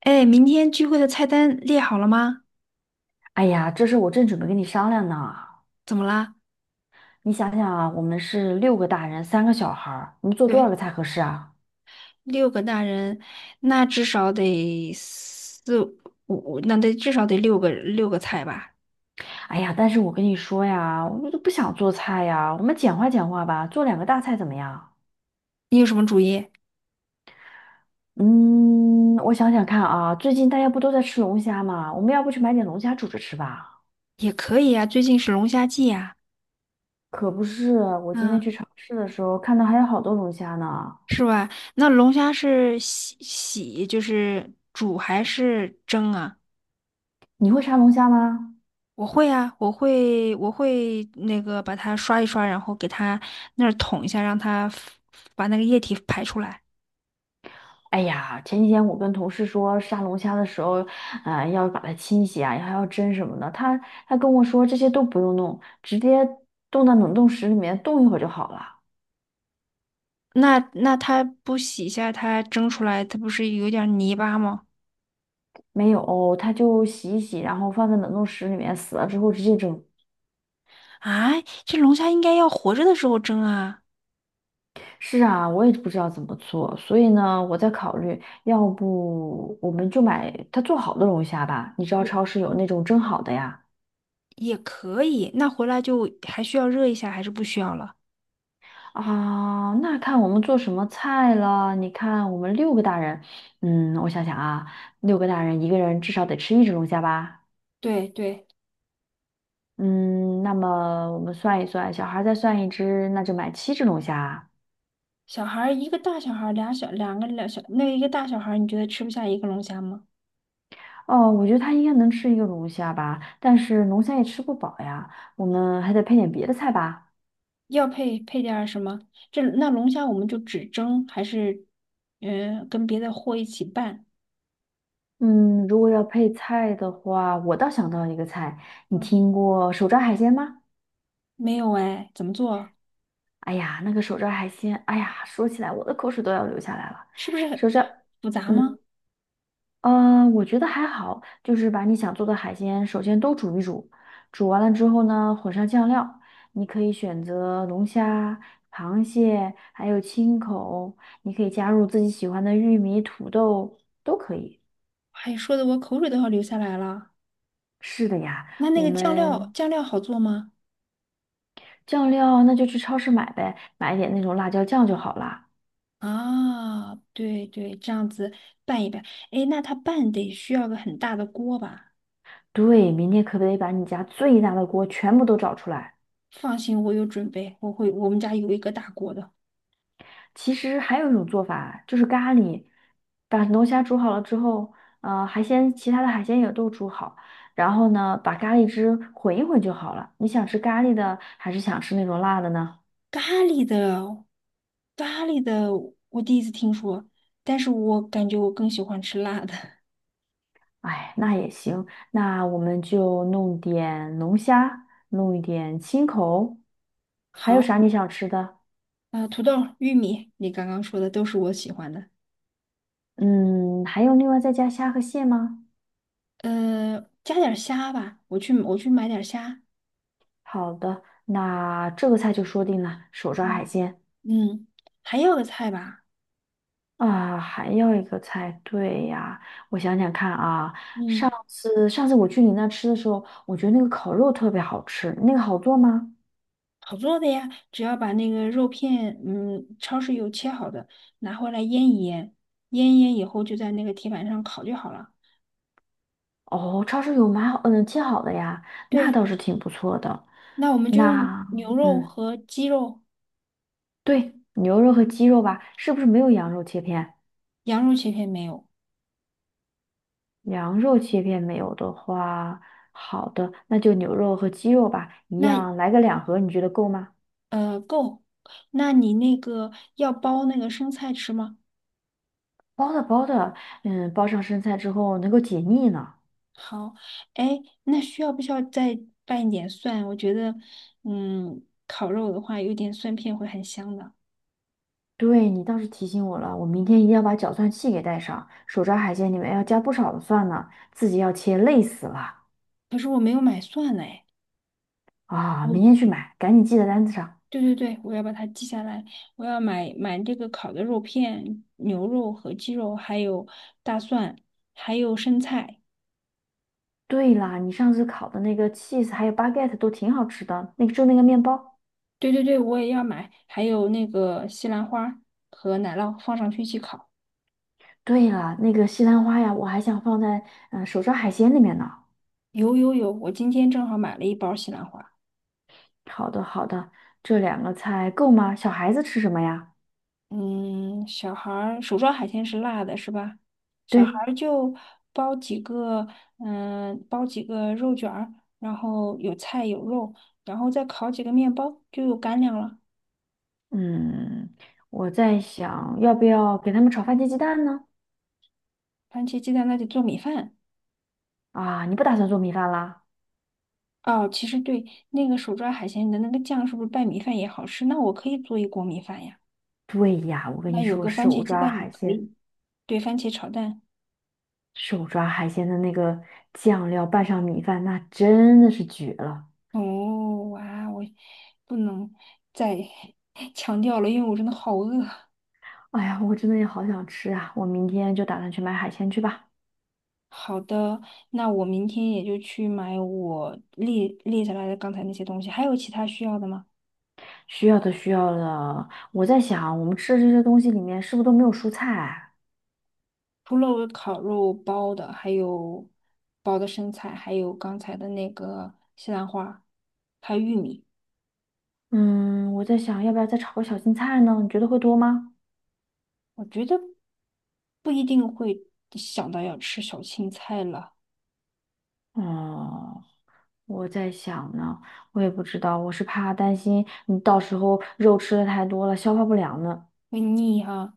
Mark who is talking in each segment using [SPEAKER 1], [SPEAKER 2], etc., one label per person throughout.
[SPEAKER 1] 哎，明天聚会的菜单列好了吗？
[SPEAKER 2] 哎呀，这事我正准备跟你商量呢。
[SPEAKER 1] 怎么啦？
[SPEAKER 2] 你想想啊，我们是六个大人，三个小孩儿，我们做多少
[SPEAKER 1] 对，
[SPEAKER 2] 个菜合适啊？
[SPEAKER 1] 六个大人，那至少得四五，五那得至少得六个菜吧？
[SPEAKER 2] 哎呀，但是我跟你说呀，我都不想做菜呀，我们简化简化吧，做两个大菜怎么样？
[SPEAKER 1] 你有什么主意？
[SPEAKER 2] 嗯，我想想看啊，最近大家不都在吃龙虾吗？我们要不去买点龙虾煮着吃吧？
[SPEAKER 1] 也可以呀，最近是龙虾季呀，
[SPEAKER 2] 可不是，我今天
[SPEAKER 1] 嗯，
[SPEAKER 2] 去超市的时候看到还有好多龙虾呢。
[SPEAKER 1] 是吧？那龙虾是洗洗，就是煮还是蒸啊？
[SPEAKER 2] 你会杀龙虾吗？
[SPEAKER 1] 我会啊，我会那个把它刷一刷，然后给它那儿捅一下，让它把那个液体排出来。
[SPEAKER 2] 哎呀，前几天我跟同事说杀龙虾的时候，要把它清洗啊，还要蒸什么的。他跟我说这些都不用弄，直接冻到冷冻室里面冻一会儿就好了。
[SPEAKER 1] 那它不洗一下，它蒸出来，它不是有点儿泥巴吗？
[SPEAKER 2] 没有，他就洗一洗，然后放在冷冻室里面，死了之后直接蒸。
[SPEAKER 1] 啊，这龙虾应该要活着的时候蒸啊，
[SPEAKER 2] 是啊，我也不知道怎么做，所以呢，我在考虑，要不我们就买他做好的龙虾吧？你知道
[SPEAKER 1] 也
[SPEAKER 2] 超市有那种蒸好的呀。
[SPEAKER 1] 也可以。那回来就还需要热一下，还是不需要了？
[SPEAKER 2] 啊，那看我们做什么菜了？你看我们六个大人，嗯，我想想啊，六个大人一个人至少得吃一只龙虾吧？
[SPEAKER 1] 对对，
[SPEAKER 2] 嗯，那么我们算一算，小孩再算一只，那就买七只龙虾。
[SPEAKER 1] 小孩儿一个大小孩儿，两个小，那一个大小孩儿你觉得吃不下一个龙虾吗？
[SPEAKER 2] 哦，我觉得他应该能吃一个龙虾吧，但是龙虾也吃不饱呀，我们还得配点别的菜吧。
[SPEAKER 1] 要配点儿什么？那龙虾我们就只蒸，还是跟别的货一起拌？
[SPEAKER 2] 嗯，如果要配菜的话，我倒想到一个菜，你
[SPEAKER 1] 嗯，
[SPEAKER 2] 听过手抓海鲜吗？
[SPEAKER 1] 没有哎，怎么做？
[SPEAKER 2] 哎呀，那个手抓海鲜，哎呀，说起来我的口水都要流下来了。
[SPEAKER 1] 是不是很
[SPEAKER 2] 手抓，
[SPEAKER 1] 复杂
[SPEAKER 2] 嗯，
[SPEAKER 1] 吗？
[SPEAKER 2] 呃，我觉得还好，就是把你想做的海鲜首先都煮一煮，煮完了之后呢，混上酱料，你可以选择龙虾、螃蟹，还有青口，你可以加入自己喜欢的玉米、土豆，都可以。
[SPEAKER 1] 哎，说的我口水都要流下来了。
[SPEAKER 2] 是的呀，
[SPEAKER 1] 那那
[SPEAKER 2] 我
[SPEAKER 1] 个酱料
[SPEAKER 2] 们
[SPEAKER 1] 酱料好做吗？
[SPEAKER 2] 酱料那就去超市买呗，买一点那种辣椒酱就好啦。
[SPEAKER 1] 啊，对对，这样子拌一拌。哎，那它拌得需要个很大的锅吧？
[SPEAKER 2] 对，明天可不可以把你家最大的锅全部都找出来？
[SPEAKER 1] 放心，我有准备，我会，我们家有一个大锅的。
[SPEAKER 2] 其实还有一种做法，就是咖喱，把龙虾煮好了之后，其他的海鲜也都煮好，然后呢，把咖喱汁混一混就好了。你想吃咖喱的，还是想吃那种辣的呢？
[SPEAKER 1] 咖喱的，咖喱的，我第一次听说，但是我感觉我更喜欢吃辣的。
[SPEAKER 2] 哎，那也行，那我们就弄点龙虾，弄一点青口，还有
[SPEAKER 1] 好，
[SPEAKER 2] 啥你想吃的？
[SPEAKER 1] 啊、土豆、玉米，你刚刚说的都是我喜欢的。
[SPEAKER 2] 嗯，还有另外再加虾和蟹吗？
[SPEAKER 1] 加点儿虾吧，我去买点儿虾。
[SPEAKER 2] 好的，那这个菜就说定了，手抓海
[SPEAKER 1] 嗯。
[SPEAKER 2] 鲜。
[SPEAKER 1] 嗯，还有个菜吧，
[SPEAKER 2] 啊，还要一个菜，对呀，我想想看啊，上
[SPEAKER 1] 嗯，
[SPEAKER 2] 次上次我去你那吃的时候，我觉得那个烤肉特别好吃，那个好做吗？
[SPEAKER 1] 好做的呀，只要把那个肉片，超市有切好的，拿回来腌一腌，腌一腌以后就在那个铁板上烤就好了。
[SPEAKER 2] 哦，超市有买好，嗯，切好的呀，那
[SPEAKER 1] 对，
[SPEAKER 2] 倒是挺不错的。
[SPEAKER 1] 那我们就用
[SPEAKER 2] 那，
[SPEAKER 1] 牛肉
[SPEAKER 2] 嗯，
[SPEAKER 1] 和鸡肉，
[SPEAKER 2] 对，牛肉和鸡肉吧，是不是没有羊肉切片？
[SPEAKER 1] 羊肉切片没有？
[SPEAKER 2] 羊肉切片没有的话，好的，那就牛肉和鸡肉吧，一
[SPEAKER 1] 那
[SPEAKER 2] 样来个两盒，你觉得够吗？
[SPEAKER 1] 够，那你那个要包那个生菜吃吗？
[SPEAKER 2] 包的包的，嗯，包上生菜之后能够解腻呢。
[SPEAKER 1] 好，哎，那需要不需要再拌一点蒜？我觉得，嗯，烤肉的话有点蒜片会很香的。
[SPEAKER 2] 对，你倒是提醒我了，我明天一定要把搅蒜器给带上。手抓海鲜里面要加不少的蒜呢，自己要切，累死了
[SPEAKER 1] 可是我没有买蒜嘞。
[SPEAKER 2] 啊！明天
[SPEAKER 1] 我
[SPEAKER 2] 去买，赶紧记在单子上。
[SPEAKER 1] 对对对，我要把它记下来。我要买这个烤的肉片、牛肉和鸡肉，还有大蒜，还有生菜。
[SPEAKER 2] 对啦，你上次烤的那个 cheese 还有 baguette 都挺好吃的，那个就那个面包。
[SPEAKER 1] 对对对，我也要买，还有那个西兰花和奶酪放上去一起烤。
[SPEAKER 2] 对了，那个西兰花呀，我还想放在手抓海鲜里面呢。
[SPEAKER 1] 有有有，我今天正好买了一包西兰花。
[SPEAKER 2] 好的，好的，这两个菜够吗？小孩子吃什么呀？
[SPEAKER 1] 嗯，小孩儿手抓海鲜是辣的，是吧？小孩
[SPEAKER 2] 对，
[SPEAKER 1] 儿就包几个，包几个肉卷儿，然后有菜有肉，然后再烤几个面包，就有干粮了。
[SPEAKER 2] 嗯，我在想要不要给他们炒番茄鸡蛋呢？
[SPEAKER 1] 番茄鸡蛋那铁做米饭。
[SPEAKER 2] 啊，你不打算做米饭啦？
[SPEAKER 1] 哦，其实对，那个手抓海鲜的那个酱是不是拌米饭也好吃？那我可以做一锅米饭呀。
[SPEAKER 2] 对呀，我跟
[SPEAKER 1] 那
[SPEAKER 2] 你
[SPEAKER 1] 有
[SPEAKER 2] 说，
[SPEAKER 1] 个番茄鸡蛋也可以，对，番茄炒蛋。
[SPEAKER 2] 手抓海鲜的那个酱料拌上米饭，那真的是绝了。
[SPEAKER 1] 哦，哇，我不能再 强调了，因为我真的好饿。
[SPEAKER 2] 哎呀，我真的也好想吃啊！我明天就打算去买海鲜去吧。
[SPEAKER 1] 好的，那我明天也就去买我列下来的刚才那些东西，还有其他需要的吗？
[SPEAKER 2] 需要的，需要的。我在想，我们吃的这些东西里面是不是都没有蔬菜？
[SPEAKER 1] 除了我烤肉包的，还有包的生菜，还有刚才的那个西兰花，还有玉米。
[SPEAKER 2] 嗯，我在想，要不要再炒个小青菜呢？你觉得会多吗？
[SPEAKER 1] 我觉得不一定会想到要吃小青菜了，
[SPEAKER 2] 哦，我在想呢，我也不知道，我是怕担心你到时候肉吃的太多了，消化不良呢。
[SPEAKER 1] 会腻哈、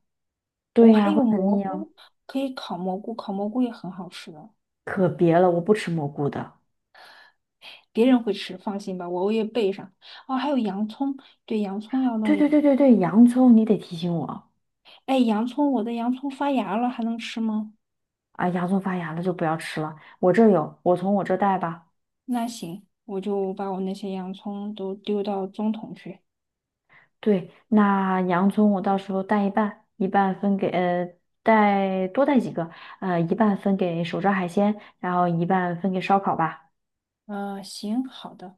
[SPEAKER 1] 我、
[SPEAKER 2] 对
[SPEAKER 1] 还
[SPEAKER 2] 呀，会
[SPEAKER 1] 有
[SPEAKER 2] 很
[SPEAKER 1] 蘑
[SPEAKER 2] 腻啊。
[SPEAKER 1] 菇，可以烤蘑菇，烤蘑菇也很好吃的，
[SPEAKER 2] 可别了，我不吃蘑菇的。
[SPEAKER 1] 别人会吃，放心吧，我也备上。哦，还有洋葱，对，洋葱要
[SPEAKER 2] 对
[SPEAKER 1] 弄一
[SPEAKER 2] 对
[SPEAKER 1] 点。
[SPEAKER 2] 对对对，洋葱你得提醒我
[SPEAKER 1] 哎，洋葱，我的洋葱发芽了，还能吃吗？
[SPEAKER 2] 啊，洋葱发芽了就不要吃了。我这儿有，我从我这儿带吧。
[SPEAKER 1] 那行，我就把我那些洋葱都丢到中桶去。
[SPEAKER 2] 对，那洋葱我到时候带一半，一半分给呃带多带几个，一半分给手抓海鲜，然后一半分给烧烤吧。
[SPEAKER 1] 行，好的，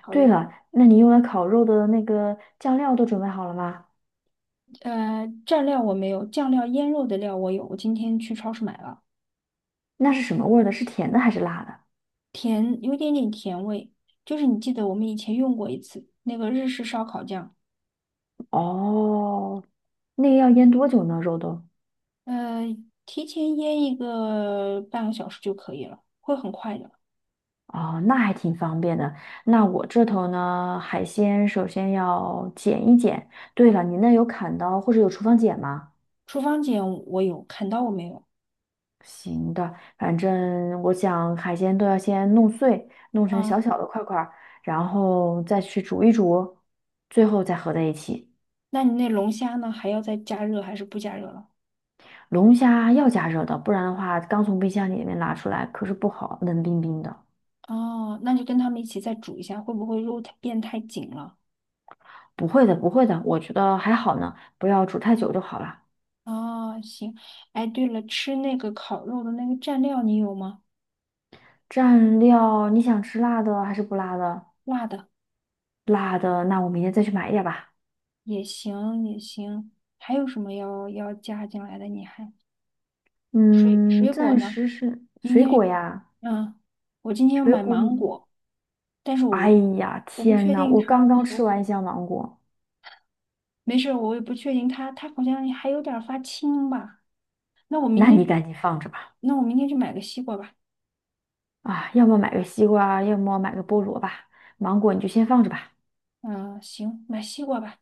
[SPEAKER 1] 好
[SPEAKER 2] 对
[SPEAKER 1] 的。
[SPEAKER 2] 了，那你用来烤肉的那个酱料都准备好了吗？
[SPEAKER 1] 蘸料我没有，酱料腌肉的料我有，我今天去超市买了，
[SPEAKER 2] 那是什么味儿的？是甜的还是辣的？
[SPEAKER 1] 甜，有一点点甜味，就是你记得我们以前用过一次那个日式烧烤酱，
[SPEAKER 2] 哦，那个要腌多久呢？肉都？
[SPEAKER 1] 呃，提前腌一个半个小时就可以了，会很快的。
[SPEAKER 2] 哦，那还挺方便的。那我这头呢，海鲜首先要剪一剪。对了，你那有砍刀或者有厨房剪吗？
[SPEAKER 1] 厨房剪我有，砍刀我没有。
[SPEAKER 2] 行的，反正我想海鲜都要先弄碎，弄成小
[SPEAKER 1] 啊，
[SPEAKER 2] 小的块块儿，然后再去煮一煮，最后再合在一起。
[SPEAKER 1] 那你那龙虾呢？还要再加热还是不加热了？
[SPEAKER 2] 龙虾要加热的，不然的话，刚从冰箱里面拿出来可是不好，冷冰冰的。
[SPEAKER 1] 哦，那就跟他们一起再煮一下，会不会肉太变太紧了？
[SPEAKER 2] 不会的，不会的，我觉得还好呢，不要煮太久就好了。
[SPEAKER 1] 哦，行。哎，对了，吃那个烤肉的那个蘸料你有吗？
[SPEAKER 2] 蘸料，你想吃辣的还是不辣的？
[SPEAKER 1] 辣的
[SPEAKER 2] 辣的，那我明天再去买一点吧。
[SPEAKER 1] 也行，也行。还有什么要加进来的？你还
[SPEAKER 2] 嗯，
[SPEAKER 1] 水果
[SPEAKER 2] 暂
[SPEAKER 1] 呢？
[SPEAKER 2] 时是
[SPEAKER 1] 明
[SPEAKER 2] 水
[SPEAKER 1] 天
[SPEAKER 2] 果
[SPEAKER 1] 去
[SPEAKER 2] 呀，
[SPEAKER 1] 嗯，我今天要
[SPEAKER 2] 水
[SPEAKER 1] 买
[SPEAKER 2] 果。
[SPEAKER 1] 芒果，但是
[SPEAKER 2] 哎
[SPEAKER 1] 我
[SPEAKER 2] 呀，
[SPEAKER 1] 我不
[SPEAKER 2] 天
[SPEAKER 1] 确
[SPEAKER 2] 呐，
[SPEAKER 1] 定
[SPEAKER 2] 我
[SPEAKER 1] 它
[SPEAKER 2] 刚刚
[SPEAKER 1] 熟
[SPEAKER 2] 吃完一
[SPEAKER 1] 不。
[SPEAKER 2] 箱芒果，
[SPEAKER 1] 没事儿，我也不确定它，它好像还有点儿发青吧。那我明
[SPEAKER 2] 那
[SPEAKER 1] 天
[SPEAKER 2] 你
[SPEAKER 1] 就，
[SPEAKER 2] 赶紧放着吧。
[SPEAKER 1] 那我明天去买个西瓜吧。
[SPEAKER 2] 啊，要么买个西瓜，要么买个菠萝吧。芒果你就先放着吧。
[SPEAKER 1] 嗯，行，买西瓜吧。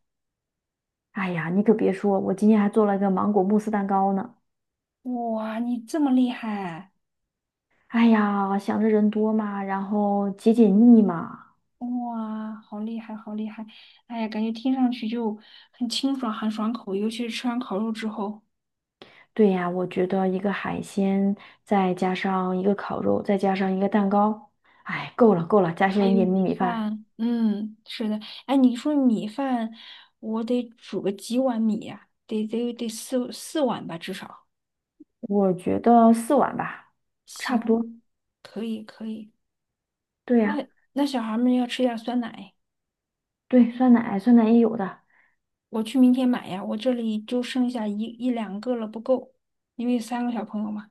[SPEAKER 2] 哎呀，你可别说，我今天还做了一个芒果慕斯蛋糕呢。
[SPEAKER 1] 哇，你这么厉害！
[SPEAKER 2] 哎呀，想着人多嘛，然后解解腻嘛。
[SPEAKER 1] 哇，好厉害，好厉害！哎呀，感觉听上去就很清爽，很爽口，尤其是吃完烤肉之后，
[SPEAKER 2] 对呀，我觉得一个海鲜，再加上一个烤肉，再加上一个蛋糕，哎，够了够了，加
[SPEAKER 1] 还
[SPEAKER 2] 上一
[SPEAKER 1] 有
[SPEAKER 2] 点米
[SPEAKER 1] 米
[SPEAKER 2] 米饭。
[SPEAKER 1] 饭。嗯，是的。哎，你说米饭，我得煮个几碗米呀、得四碗吧，至少。
[SPEAKER 2] 我觉得四碗吧，差不
[SPEAKER 1] 行，
[SPEAKER 2] 多。
[SPEAKER 1] 可以可以。
[SPEAKER 2] 对呀，
[SPEAKER 1] 那小孩们要吃点酸奶，
[SPEAKER 2] 对，酸奶，酸奶也有的。
[SPEAKER 1] 我去明天买呀。我这里就剩下一两个了，不够，因为三个小朋友嘛。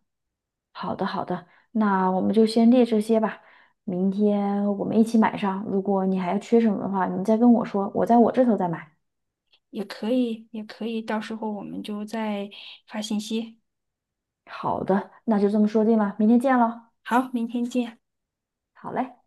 [SPEAKER 2] 好的，好的，那我们就先列这些吧。明天我们一起买上。如果你还要缺什么的话，你再跟我说，我在我这头再买。
[SPEAKER 1] 也可以，也可以，到时候我们就再发信息。
[SPEAKER 2] 好的，那就这么说定了，明天见喽。
[SPEAKER 1] 好，明天见。
[SPEAKER 2] 好嘞。